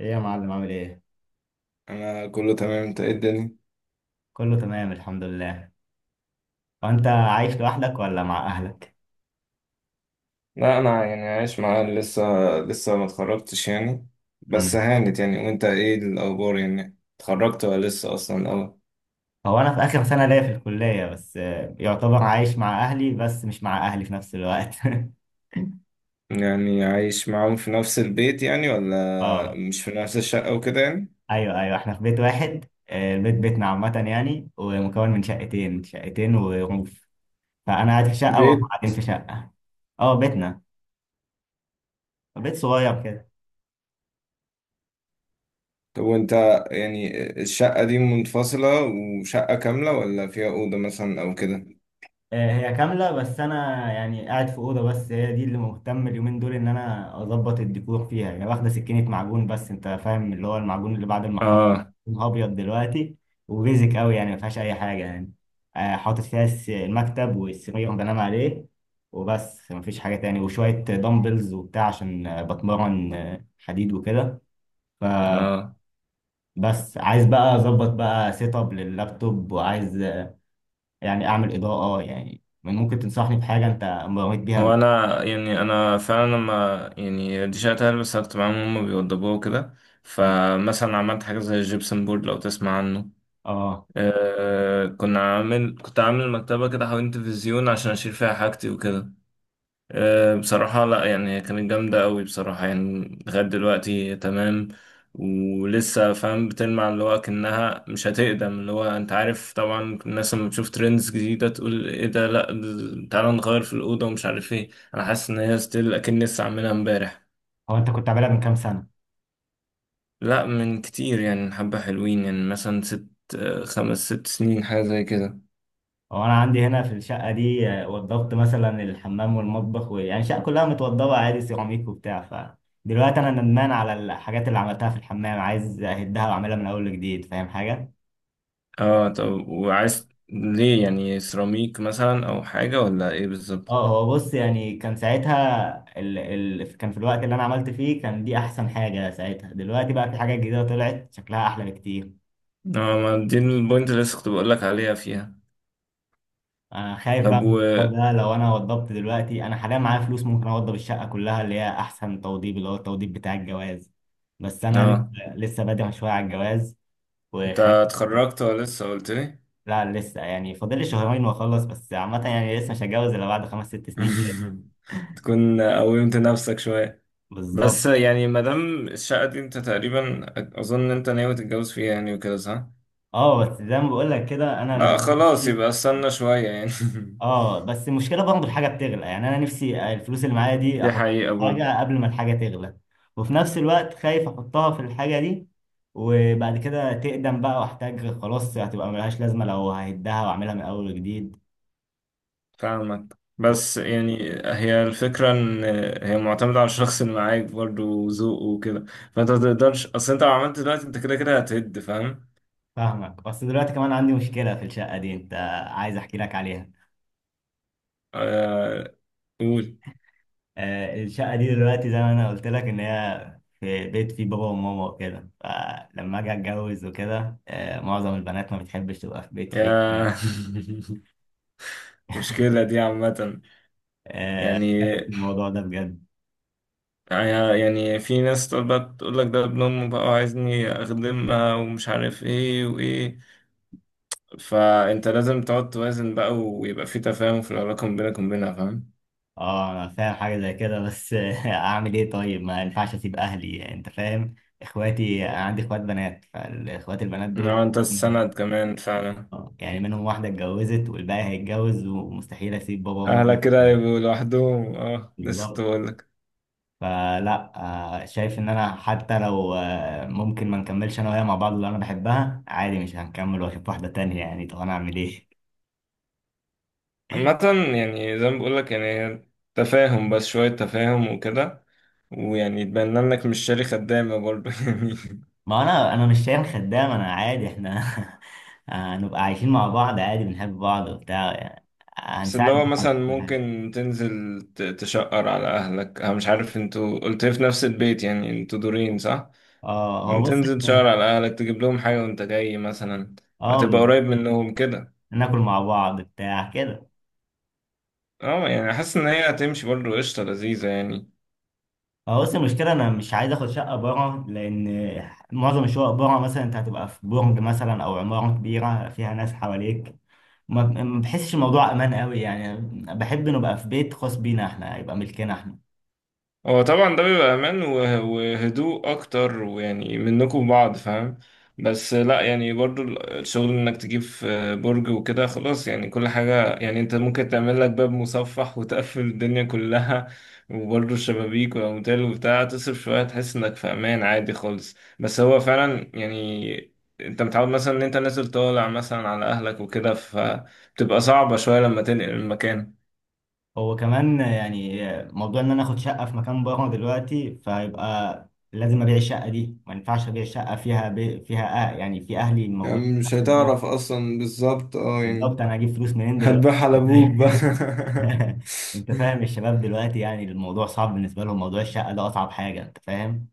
ايه يا معلم، عامل ايه؟ انا كله تمام. انت ايه الدنيا؟ كله تمام الحمد لله. وانت عايش لوحدك ولا مع اهلك؟ لا، انا يعني عايش معاه لسه. لسه ما اتخرجتش يعني. بس مم. هانت يعني. وانت ايه الاخبار؟ يعني اتخرجت ولا لسه اصلا؟ اه، هو انا في اخر سنة ليا في الكلية، بس آه، يعتبر عايش مع اهلي بس مش مع اهلي في نفس الوقت. يعني عايش معاهم في نفس البيت يعني، ولا اه، مش في نفس الشقة وكده يعني؟ ايوه ايوه، احنا في بيت واحد، آه، البيت بيتنا عامة يعني، ومكون من شقتين، شقتين وروف. فانا قاعد في شقة وهم بيت. قاعدين في شقة. اه بيتنا، بيت صغير كده. طب وانت يعني الشقة دي منفصلة وشقة كاملة، ولا فيها أوضة مثلا او كده؟ آه، هي كاملة بس أنا يعني قاعد في أوضة، بس هي دي اللي مهتم اليومين دول إن أنا أظبط الديكور فيها يعني. واخدة سكينة معجون، بس أنت فاهم اللي هو المعجون اللي بعد المحط. اه. لونها أبيض دلوقتي، وبيزك أوي يعني، مفيهاش أي حاجة يعني. آه، حاطط فيها المكتب والسرير اللي بنام عليه، وبس مفيش حاجة تاني، وشوية دمبلز وبتاع عشان آه، بتمرن آه، حديد وكده. فبس. اه، عايز بقى أظبط بقى سيت أب لللابتوب، وعايز يعني اعمل اضاءه يعني. من ممكن تنصحني بحاجه انت مريت بيها قبل؟ هو انا يعني انا فعلا لما يعني دي شهادة هلبس كنت معاهم، هم بيوضبوها وكده. مم. فمثلا عملت حاجه زي الجبسن بورد لو تسمع عنه. اه. أه، كنا عامل كنت عامل مكتبه كده حوالين تلفزيون عشان اشيل فيها حاجتي وكده. أه، بصراحة لا، يعني هي كانت جامدة أوي بصراحة، يعني لغاية دلوقتي تمام. ولسه فاهم بتلمع، اللي هو أكنها مش هتقدم، اللي هو أنت عارف طبعا الناس لما تشوف ترندز جديدة تقول إيه ده، لأ تعالى نغير في الأوضة ومش عارف إيه. أنا حاسس إن هي ستيل، أكن لسه عاملها إمبارح. هو انت كنت عاملها من كام سنه؟ لأ من كتير يعني، حبة حلوين يعني، مثلا ست. أه، خمس ست سنين حاجة زي كده. هو انا عندي هنا في الشقه دي آه، وضبت مثلا الحمام والمطبخ، ويعني الشقه كلها متوضبه عادي، سيراميك وبتاع. فدلوقتي انا ندمان على الحاجات اللي عملتها في الحمام، عايز اهدها واعملها من اول وجديد، فاهم حاجه؟ اه، طب وعايز ليه يعني سيراميك مثلا أو حاجة ولا إيه بالظبط؟ اه هو بص يعني، كان ساعتها كان في الوقت اللي انا عملت فيه كان دي احسن حاجه ساعتها. دلوقتي بقى في حاجات جديده طلعت شكلها احلى بكتير. اه، ما دي البوينت اللي لسه كنت بقول لك عليها فيها. انا خايف بقى طب من الموضوع و، ده. لو انا وضبت دلوقتي، انا حاليا معايا فلوس ممكن اوضب الشقه كلها، اللي هي احسن توضيب، اللي هو التوضيب بتاع الجواز. بس انا اه، لسه لسه بادئ شويه على الجواز، انت وخايف. اتخرجت ولا لسه؟ قلت لي. لا لسه، يعني فاضل لي شهرين واخلص، بس عامه يعني لسه مش هتجوز الا بعد خمس ست سنين كده. تكون قومت نفسك شوية. بالظبط. بس يعني ما دام الشقة دي انت تقريبا اظن ان انت ناوي تتجوز فيها يعني وكده، صح؟ اه بس زي ما بقول لك كده لا انا. خلاص، يبقى استنى شوية يعني. اه بس المشكله برضه الحاجه بتغلى يعني، انا نفسي الفلوس اللي معايا دي دي احط حقيقة في برضه. حاجه قبل ما الحاجه تغلى، وفي نفس الوقت خايف احطها في الحاجه دي وبعد كده تقدم بقى واحتاج خلاص، هتبقى ملهاش لازمه، لو ههدها واعملها من اول وجديد. فاهمك، بس يعني هي الفكرة ان هي معتمدة على الشخص اللي معاك برضه وذوقه وكده. فانت ما تقدرش، اصل انت لو عملت دلوقتي انت كده كده هتهد، فاهم؟ فاهمك. بس دلوقتي كمان عندي مشكله في الشقه دي انت، عايز احكي لك عليها. آه، قول. آه، الشقه دي دلوقتي زي ما انا قلت لك ان هي في بيت فيه بابا وماما وكده، فلما اجي اتجوز وكده آه، معظم البنات ما بتحبش تبقى في بيت فيه. يا، مشكلة دي عامة. آه، يعني خايف من الموضوع ده بجد. يعني في ناس تقعد بقى تقول لك ده ابن أمه بقى وعايزني أخدمها ومش عارف إيه وإيه. فأنت لازم تقعد توازن بقى، ويبقى في تفاهم في العلاقة ما بينك وبينها، فاهم؟ اه انا فاهم حاجه زي كده، بس اعمل ايه طيب؟ ما ينفعش اسيب اهلي انت فاهم. اخواتي، انا عندي اخوات بنات، فالاخوات البنات دول إنما أنت السند كمان فعلا. آه، يعني منهم واحده اتجوزت والباقي هيتجوز، ومستحيل اسيب بابا وماما أهلك كده لوحدهم. يبقوا لوحدهم. أه، لسه كنت بالظبط. بقول لك. فلا. آه، شايف ان انا حتى لو آه، ممكن ما نكملش انا وهي مع بعض، اللي انا بحبها، عادي مش هنكمل واشوف واحده تانية يعني. طب انا اعمل ايه؟ عامة يعني زي ما بقول لك، يعني هي تفاهم، بس شوية تفاهم وكده. ويعني يتبنى لك، مش شاري خدامة برضه. يعني ما انا مش شايل خدام، انا عادي احنا هنبقى عايشين مع بعض عادي، بنحب بعض وبتاع يعني، بس اللي هنساعد هو بعض مثلا في كل حاجه. ممكن تنزل تشقر على أهلك. أنا مش عارف، انتوا قلت لي في نفس البيت يعني، انتوا دورين، صح؟ اه هو بص تنزل احنا. تشقر على أهلك، تجيب لهم حاجة وانت جاي مثلا. اه هتبقى بالظبط. قريب منهم كده. ناكل مع بعض بتاع كده. اه، يعني حاسس إن هي هتمشي برضه قشطة لذيذة يعني. هو بص المشكله انا مش عايز اخد شقه بره، لان معظم الشقق بره مثلا انت هتبقى في برج مثلا او عماره كبيره فيها ناس حواليك، ما بحسش الموضوع امان قوي يعني. بحب نبقى في بيت خاص بينا احنا، يبقى ملكنا احنا. هو طبعا ده بيبقى امان وهدوء اكتر، ويعني منكم بعض، فاهم. بس لا، يعني برضو الشغل انك تجيب في برج وكده، خلاص يعني كل حاجة. يعني انت ممكن تعمل لك باب مصفح وتقفل الدنيا كلها. وبرضو الشبابيك والاموال وبتاع، تصرف شوية تحس انك في امان عادي خالص. بس هو فعلا يعني انت متعود مثلا ان انت نازل طالع مثلا على اهلك وكده، فبتبقى صعبة شوية لما تنقل المكان. هو كمان يعني موضوع ان انا اخد شقه في مكان بره دلوقتي، فيبقى لازم ابيع الشقه دي، ما ينفعش ابيع الشقه فيها بي فيها آه يعني في اهلي موجودين يعني في مش نفس البيت. هتعرف اصلا بالظبط، اه يعني. بالظبط، انا هجيب فلوس منين دلوقتي؟ هتبيعها على انت ابوك بقى. فاهم. انت فاهم الشباب دلوقتي يعني الموضوع صعب بالنسبه لهم، موضوع الشقه ده اصعب حاجه انت فاهم.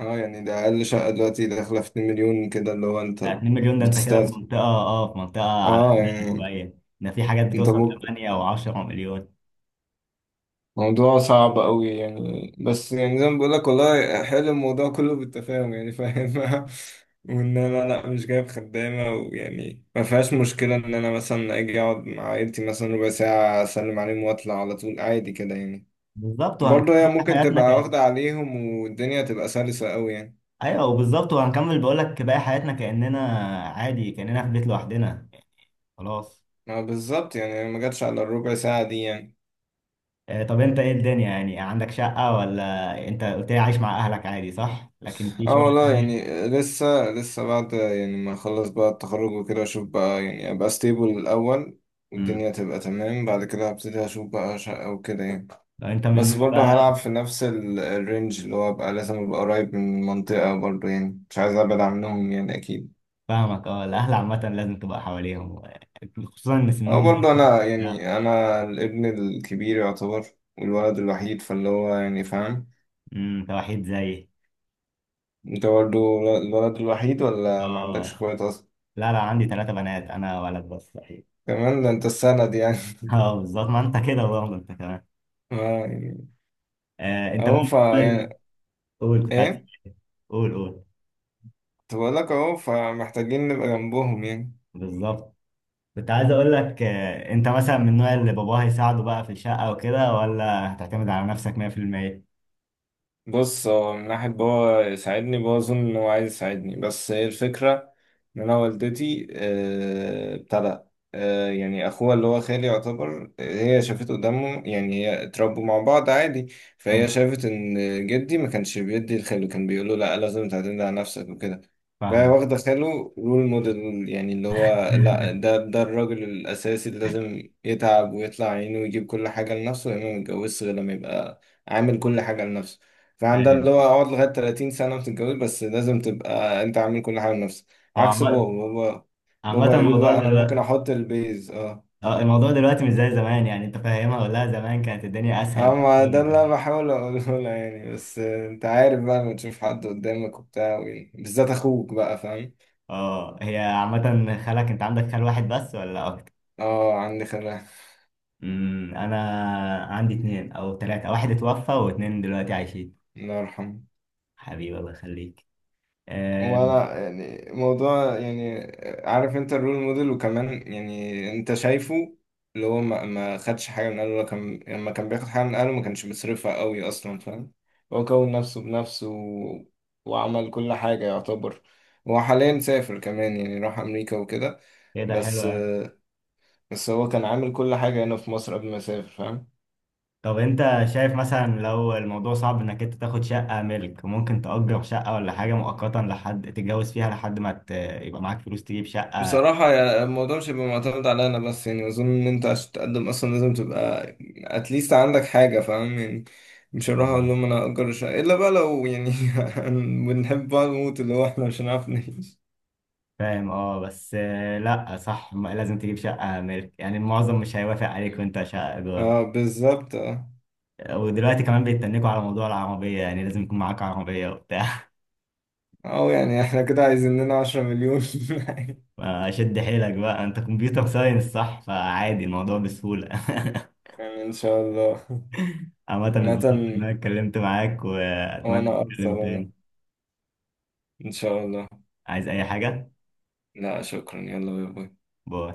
اه يعني ده اقل شقة دلوقتي داخلة في 2 مليون كده، اللي هو انت يعني 2 مليون ده انت كده في بتستاهل. منطقه اه آه، في منطقه على اه قدها يعني شويه، ده في حاجات انت بتوصل ممكن 8 او 10 مليون. موضوع صعب قوي يعني. بس يعني زي ما بقول لك، والله حلو الموضوع كله بالتفاهم، يعني فاهم. وان انا لا مش جايب خدامة، ويعني ما فيهاش مشكلة ان انا مثلا اجي اقعد مع عيلتي مثلا ربع ساعة، اسلم عليهم واطلع على طول عادي كده يعني. بالظبط، وبرضه هي وهنكمل ممكن حياتنا. تبقى واخدة عليهم، والدنيا تبقى سلسة قوي يعني. ايوه بالظبط، وهنكمل بقول لك باقي حياتنا، كاننا عادي كاننا في بيت لوحدنا، خلاص. ما بالظبط يعني، ما جاتش على الربع ساعة دي يعني. آه، طب انت ايه الدنيا؟ يعني عندك شقه ولا انت قلت لي عايش مع اهلك عادي، صح، لكن في اه شقه والله يعني تانية؟ لسه. لسه بعد يعني ما اخلص بقى التخرج وكده، اشوف بقى يعني ابقى ستيبل الاول، امم، والدنيا تبقى تمام. بعد كده هبتدي اشوف بقى شقة وكده يعني. لو انت من بس النوع برضه بقى. هلعب في نفس الرينج، اللي هو ابقى لازم ابقى قريب من المنطقة برضه، يعني مش عايز ابعد عنهم يعني اكيد. فاهمك. اه الاهل عامه لازم تبقى حواليهم، خصوصا ان اه سنهم. برضه انا، يعني انا الابن الكبير يعتبر، والولد الوحيد، فاللي هو يعني فاهم. امم، انت وحيد زيي؟ انت برضه الولد الوحيد، ولا ما عندكش اه. اخوات اصلا؟ لا لا عندي ثلاثه بنات، انا ولد بس صحيح. كمان ده انت السند يعني. اه بالظبط، ما انت كده برضه انت كمان. اه يعني آه انت اهو فا بقى، يعني. قول كنت عايز. ايه؟ قول قول. كنت بقول لك اهو، فمحتاجين نبقى جنبهم يعني. بالظبط، كنت عايز اقول لك آه، انت مثلا من النوع اللي باباه هيساعده بقى في الشقة وكده، ولا هتعتمد على نفسك 100%؟ بص، هو من ناحية بابا يساعدني، بابا أظن إن هو عايز يساعدني، بس هي الفكرة إن أنا والدتي، آه، ابتدى، آه، يعني أخوها اللي هو خالي يعتبر، آه، هي شافته قدامه يعني، هي اتربوا مع بعض عادي. فهي مم. شافت إن جدي ما كانش بيدي لخاله، كان بيقوله لأ، لازم تعتمد على نفسك وكده. فهي فاهم. واخدة خاله رول موديل، يعني اللي هو لأ، ده الراجل الأساسي اللي لازم يتعب ويطلع عينه ويجيب كل حاجة لنفسه، يعني ما يتجوزش غير لما يبقى عامل كل حاجة لنفسه. فعندها فاهم. اللي هو اقعد لغاية 30 سنة وتتجوز، بس لازم تبقى انت عامل كل حاجة لنفسك. هو عكس عامة، بابا. بابا عامة بابا يقول الموضوع لا، انا ممكن دلوقتي. احط البيز، اه. اه، الموضوع دلوقتي مش زي زمان يعني، انت فاهمها ولا لا؟ زمان كانت الدنيا اسهل اما ده بكتير. اللي انا بحاول اقوله لها يعني. بس انت عارف بقى لما تشوف حد قدامك وبتاع بالذات اخوك بقى، فاهم. اه هي عامة، خالك انت عندك خال واحد بس ولا اكتر؟ اه عندي خلاف. امم، انا عندي اتنين او تلاتة، واحد اتوفى واتنين دلوقتي عايشين. الله يرحمه. حبيبي الله يخليك. آه، ولا يعني موضوع يعني. عارف انت الرول موديل، وكمان يعني انت شايفه اللي هو ما خدش حاجة من اهله، كان لما كان بياخد حاجة من اهله ما كانش بيصرفها قوي اصلا، فاهم. هو كون نفسه بنفسه و وعمل كل حاجة يعتبر. هو حاليا سافر كمان، يعني راح امريكا وكده. كده بس حلو. بس هو كان عامل كل حاجة هنا في مصر قبل ما يسافر، فاهم. طب انت شايف مثلا لو الموضوع صعب انك انت تاخد شقة ملك، ممكن تأجر شقة ولا حاجة مؤقتا لحد تتجوز فيها، لحد ما يبقى معاك فلوس تجيب شقة. بصراحة الموضوع مش هيبقى معتمد على أنا بس يعني. أظن إن أنت عشان تقدم أصلا لازم تبقى أتليست عندك حاجة، فاهم يعني. مش هروح آه. أقول لهم أنا هأجر شقة إلا بقى لو يعني. بنحب بعض موت، اللي هو إحنا مش هنعرف نعيش. فاهم. اه بس آه، لا صح، لازم تجيب شقة ملك، يعني المعظم مش هيوافق عليك وانت شقة إيجار. أه بالظبط أه. ودلوقتي كمان بيتنكوا على موضوع العربية، يعني لازم يكون معاك عربية وبتاع. أو يعني إحنا كده عايزين لنا 10 مليون. شد حيلك بقى، انت كمبيوتر ساينس صح، فعادي الموضوع بسهولة. يعني إن شاء الله. عامة اتبسطت مثلا. ان انا اتكلمت معاك، واتمنى وأنا أكثر نتكلم والله. تاني. إن شاء الله. عايز اي حاجة؟ لا شكرا، يلا باي باي. باي.